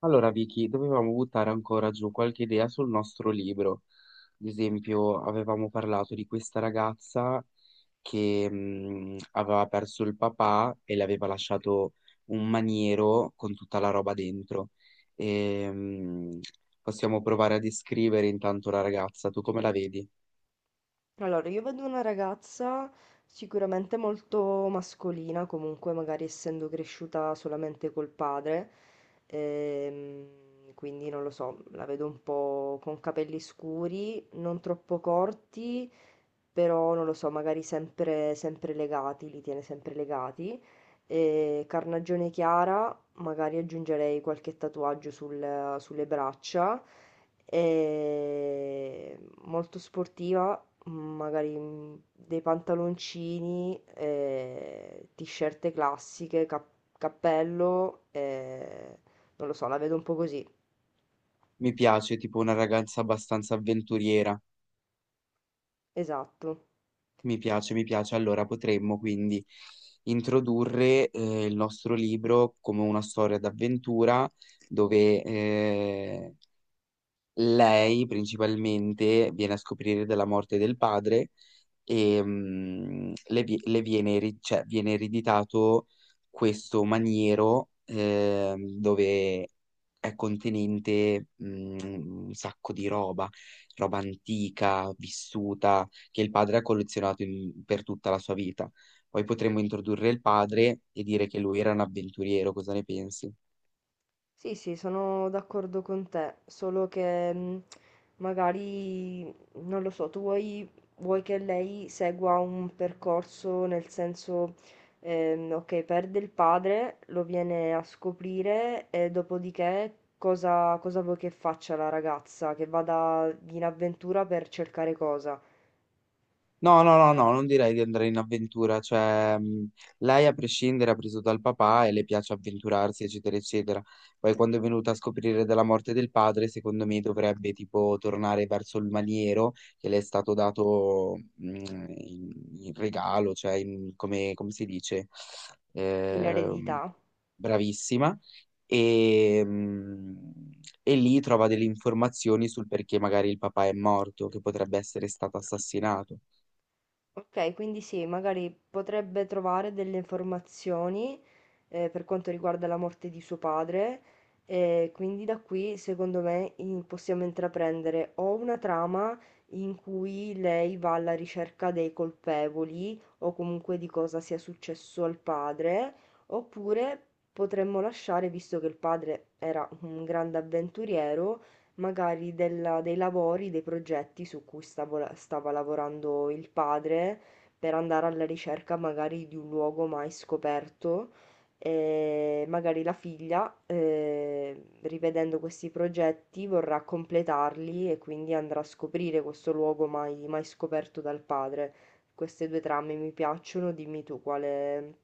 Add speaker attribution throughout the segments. Speaker 1: Allora, Vicky, dovevamo buttare ancora giù qualche idea sul nostro libro. Ad esempio, avevamo parlato di questa ragazza che aveva perso il papà e le aveva lasciato un maniero con tutta la roba dentro. E, mh, Possiamo provare a descrivere intanto la ragazza. Tu come la vedi?
Speaker 2: Allora, io vedo una ragazza sicuramente molto mascolina, comunque magari essendo cresciuta solamente col padre, quindi non lo so, la vedo un po' con capelli scuri, non troppo corti, però non lo so, magari sempre legati, li tiene sempre legati. E carnagione chiara, magari aggiungerei qualche tatuaggio sulle braccia. E molto sportiva, magari dei pantaloncini, t-shirt classiche, cappello, non lo so, la vedo un po' così.
Speaker 1: Mi piace, tipo una ragazza abbastanza avventuriera.
Speaker 2: Esatto.
Speaker 1: Mi piace, mi piace. Allora potremmo quindi introdurre il nostro libro come una storia d'avventura dove lei principalmente viene a scoprire della morte del padre e le, vi- le viene, eri- cioè, viene ereditato questo maniero dove è contenente un sacco di roba, roba antica, vissuta, che il padre ha collezionato per tutta la sua vita. Poi potremmo introdurre il padre e dire che lui era un avventuriero, cosa ne pensi?
Speaker 2: Sì, sì, sono d'accordo con te, solo che magari, non lo so, vuoi che lei segua un percorso nel senso, ok, perde il padre, lo viene a scoprire e dopodiché cosa vuoi che faccia la ragazza? Che vada in avventura per cercare cosa?
Speaker 1: No, no, no, no, non direi di andare in avventura, lei a prescindere ha preso dal papà e le piace avventurarsi, eccetera, eccetera. Poi quando è venuta a scoprire della morte del padre, secondo me dovrebbe tipo tornare verso il maniero che le è stato dato in, in regalo, come, come si dice,
Speaker 2: In
Speaker 1: Ehm,
Speaker 2: eredità?
Speaker 1: bravissima, e, mh, e lì trova delle informazioni sul perché magari il papà è morto, che potrebbe essere stato assassinato.
Speaker 2: Ok, quindi sì, magari potrebbe trovare delle informazioni per quanto riguarda la morte di suo padre e quindi da qui secondo me possiamo intraprendere o una trama in cui lei va alla ricerca dei colpevoli o comunque di cosa sia successo al padre, oppure potremmo lasciare, visto che il padre era un grande avventuriero, magari della dei lavori, dei progetti su cui stavo la stava lavorando il padre, per andare alla ricerca magari di un luogo mai scoperto. E magari la figlia, rivedendo questi progetti, vorrà completarli e quindi andrà a scoprire questo luogo mai scoperto dal padre. Queste due trame mi piacciono, dimmi tu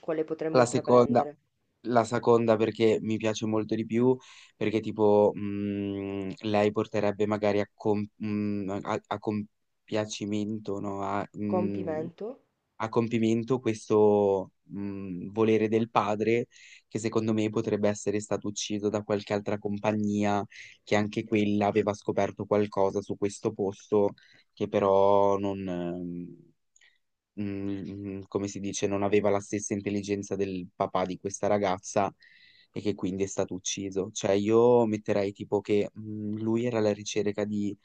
Speaker 2: quale potremmo
Speaker 1: La seconda,
Speaker 2: intraprendere.
Speaker 1: la seconda perché mi piace molto di più, perché lei porterebbe magari a compiacimento, no?
Speaker 2: Compimento?
Speaker 1: A compimento questo volere del padre che secondo me potrebbe essere stato ucciso da qualche altra compagnia che anche quella aveva scoperto qualcosa su questo posto che però non mm, come si dice, non aveva la stessa intelligenza del papà di questa ragazza e che quindi è stato ucciso. Cioè, io metterei tipo che lui era alla ricerca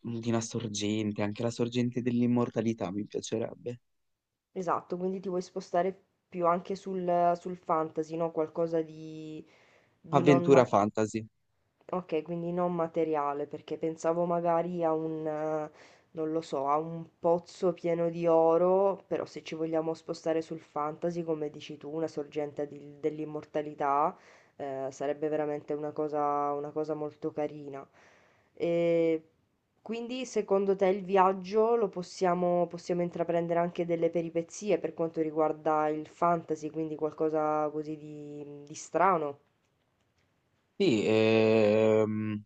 Speaker 1: di una sorgente, anche la sorgente dell'immortalità mi piacerebbe.
Speaker 2: Esatto, quindi ti vuoi spostare più anche sul fantasy, no? Qualcosa di non,
Speaker 1: Avventura
Speaker 2: ma-
Speaker 1: fantasy.
Speaker 2: Okay, quindi non materiale, perché pensavo magari a un non lo so, a un pozzo pieno di oro, però se ci vogliamo spostare sul fantasy, come dici tu, una sorgente dell'immortalità, sarebbe veramente una una cosa molto carina. E quindi secondo te il viaggio lo possiamo intraprendere anche delle peripezie per quanto riguarda il fantasy, quindi qualcosa così di strano?
Speaker 1: Sì,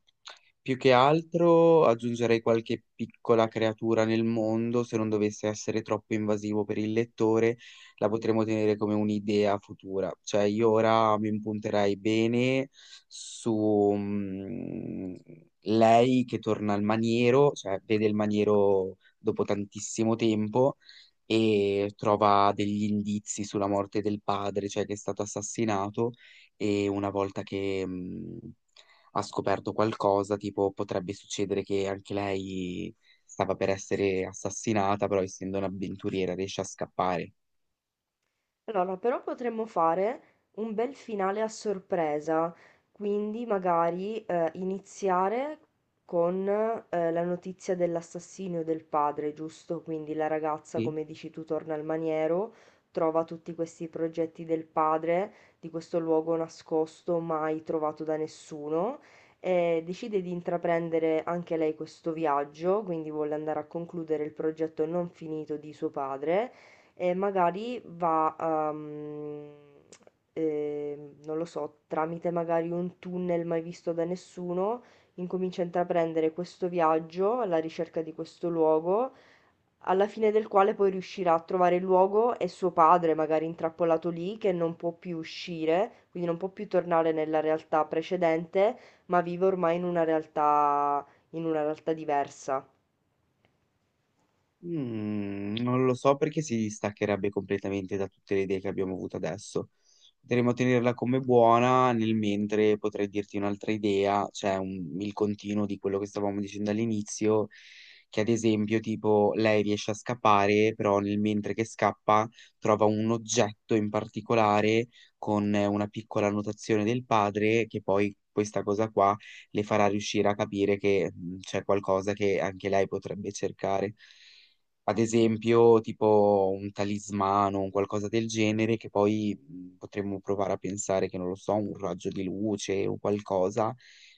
Speaker 1: più che altro aggiungerei qualche piccola creatura nel mondo, se non dovesse essere troppo invasivo per il lettore, la potremmo tenere come un'idea futura. Cioè, io ora mi impunterei bene su lei che torna al maniero, cioè vede il maniero dopo tantissimo tempo e trova degli indizi sulla morte del padre, cioè che è stato assassinato e una volta che ha scoperto qualcosa, tipo potrebbe succedere che anche lei stava per essere assassinata, però essendo un'avventuriera riesce a scappare.
Speaker 2: Allora, però potremmo fare un bel finale a sorpresa, quindi magari iniziare con la notizia dell'assassinio del padre, giusto? Quindi la ragazza,
Speaker 1: Sì?
Speaker 2: come dici tu, torna al maniero, trova tutti questi progetti del padre, di questo luogo nascosto, mai trovato da nessuno, e decide di intraprendere anche lei questo viaggio, quindi vuole andare a concludere il progetto non finito di suo padre e magari va a, eh, non lo so, tramite magari un tunnel mai visto da nessuno, incomincia a intraprendere questo viaggio alla ricerca di questo luogo, alla fine del quale poi riuscirà a trovare il luogo e suo padre, magari intrappolato lì, che non può più uscire, quindi non può più tornare nella realtà precedente, ma vive ormai in una in una realtà diversa.
Speaker 1: Mm, non lo so perché si distaccherebbe completamente da tutte le idee che abbiamo avuto adesso. Potremmo tenerla come buona, nel mentre potrei dirti un'altra idea, il continuo di quello che stavamo dicendo all'inizio, che ad esempio tipo lei riesce a scappare, però nel mentre che scappa trova un oggetto in particolare con una piccola annotazione del padre che poi questa cosa qua le farà riuscire a capire che c'è qualcosa che anche lei potrebbe cercare ad esempio tipo un talismano, un qualcosa del genere, che poi potremmo provare a pensare che, non lo so, un raggio di luce o qualcosa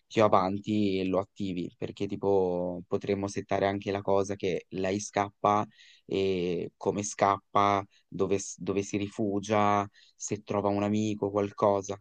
Speaker 1: più avanti lo attivi, perché tipo potremmo settare anche la cosa che lei scappa e come scappa, dove si rifugia, se trova un amico, qualcosa.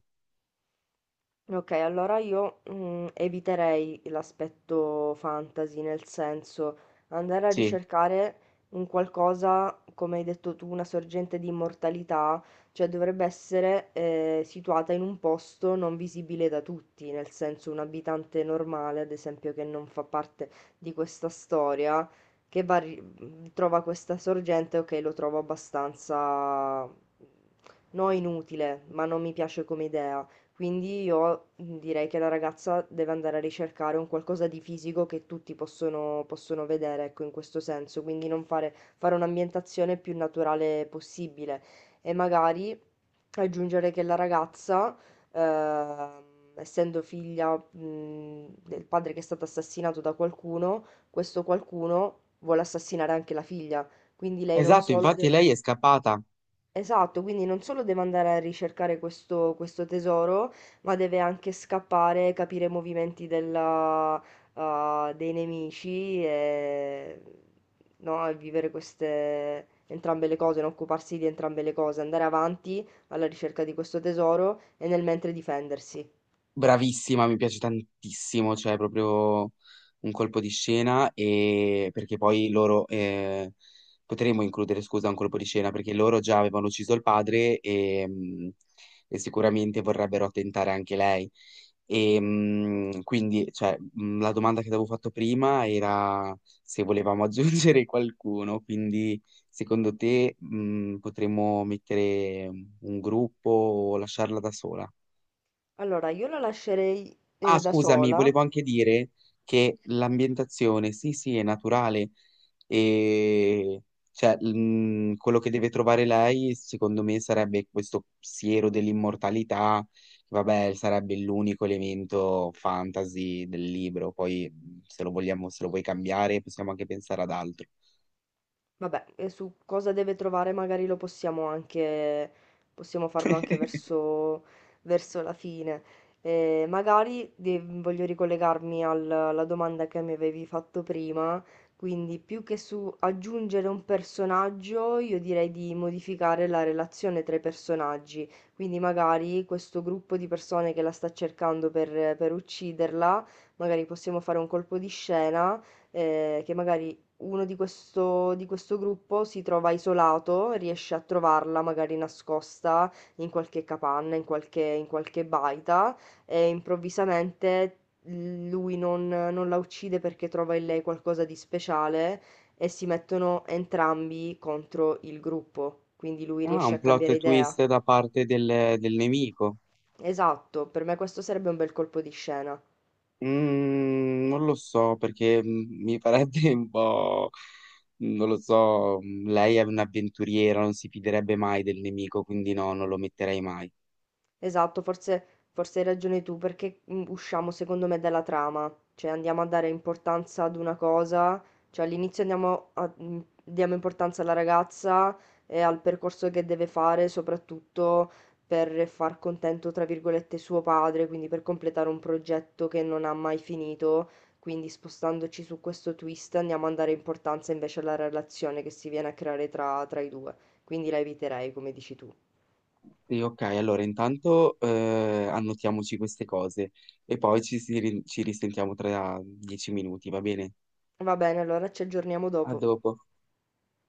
Speaker 2: Okay, allora mhmm, eviterei l'aspetto fantasy, nel senso andare a
Speaker 1: Sì,
Speaker 2: ricercare un qualcosa, come hai detto tu, una sorgente di immortalità, cioè dovrebbe essere, situata in un posto non visibile da tutti, nel senso un abitante normale, ad esempio, che non fa parte di questa storia, che va a ri mhmm, trova questa sorgente, okay, lo trovo abbastanza, no inutile, ma non mi piace come idea. Quindi io direi che la ragazza deve andare a ricercare un qualcosa di fisico che tutti possono vedere, ecco, in questo senso, quindi non fare un'ambientazione più naturale possibile e magari aggiungere che la ragazza, ehm, essendo figlia, del padre che è stato assassinato da qualcuno, questo qualcuno vuole assassinare anche la figlia, quindi lei non
Speaker 1: esatto,
Speaker 2: solo
Speaker 1: infatti
Speaker 2: deve...
Speaker 1: lei è scappata.
Speaker 2: Esatto, quindi non solo deve andare a ricercare questo tesoro, ma deve anche scappare, capire i movimenti ah, dei nemici e, no, e vivere entrambe le cose, non occuparsi di entrambe le cose, andare avanti alla ricerca di questo tesoro e nel mentre difendersi.
Speaker 1: Bravissima, mi piace tantissimo, cioè è proprio un colpo di scena e perché poi loro potremmo includere, scusa, un colpo di scena perché loro già avevano ucciso il padre e e sicuramente vorrebbero tentare anche lei. E la domanda che ti avevo fatto prima era se volevamo aggiungere qualcuno, quindi secondo te potremmo mettere un gruppo o lasciarla da sola?
Speaker 2: Allora, io la lascerei
Speaker 1: Ah,
Speaker 2: da
Speaker 1: scusami,
Speaker 2: sola.
Speaker 1: volevo anche dire che l'ambientazione, sì, sì, è naturale e quello che deve trovare lei, secondo me, sarebbe questo siero dell'immortalità, che, vabbè, sarebbe l'unico elemento fantasy del libro, poi se lo vogliamo, se lo vuoi cambiare, possiamo anche pensare ad altro.
Speaker 2: Vabbè, e su cosa deve trovare magari lo possiamo possiamo farlo verso la fine. Magari voglio ricollegarmi alla domanda che mi avevi fatto prima, quindi più che su aggiungere un personaggio, io direi di modificare la relazione tra i personaggi, quindi magari questo gruppo di persone che la sta cercando per ucciderla, magari possiamo fare un colpo di scena che magari uno di di questo gruppo si trova isolato, riesce a trovarla magari nascosta in qualche capanna, in in qualche baita e improvvisamente lui non la uccide perché trova in lei qualcosa di speciale e si mettono entrambi contro il gruppo, quindi lui
Speaker 1: Ah,
Speaker 2: riesce
Speaker 1: un
Speaker 2: a
Speaker 1: plot
Speaker 2: cambiare idea.
Speaker 1: twist da parte del nemico.
Speaker 2: Esatto, per me questo sarebbe un bel colpo di scena.
Speaker 1: Mm, non lo so perché mi farebbe un po', non lo so, lei è un'avventuriera, non si fiderebbe mai del nemico, quindi no, non lo metterei mai.
Speaker 2: Esatto, forse hai ragione tu, perché mm, usciamo secondo me dalla trama, cioè andiamo a dare importanza ad una cosa, cioè all'inizio andiamo mm, diamo importanza alla ragazza e al percorso che deve fare, soprattutto per far contento, tra virgolette, suo padre, quindi per completare un progetto che non ha mai finito, quindi spostandoci su questo twist andiamo a dare importanza invece alla relazione che si viene a creare tra i due, quindi la eviterei, come dici tu.
Speaker 1: Sì, ok, allora intanto annotiamoci queste cose e poi ci risentiamo tra 10 minuti, va bene?
Speaker 2: Va bene, allora ci aggiorniamo
Speaker 1: A
Speaker 2: dopo.
Speaker 1: dopo.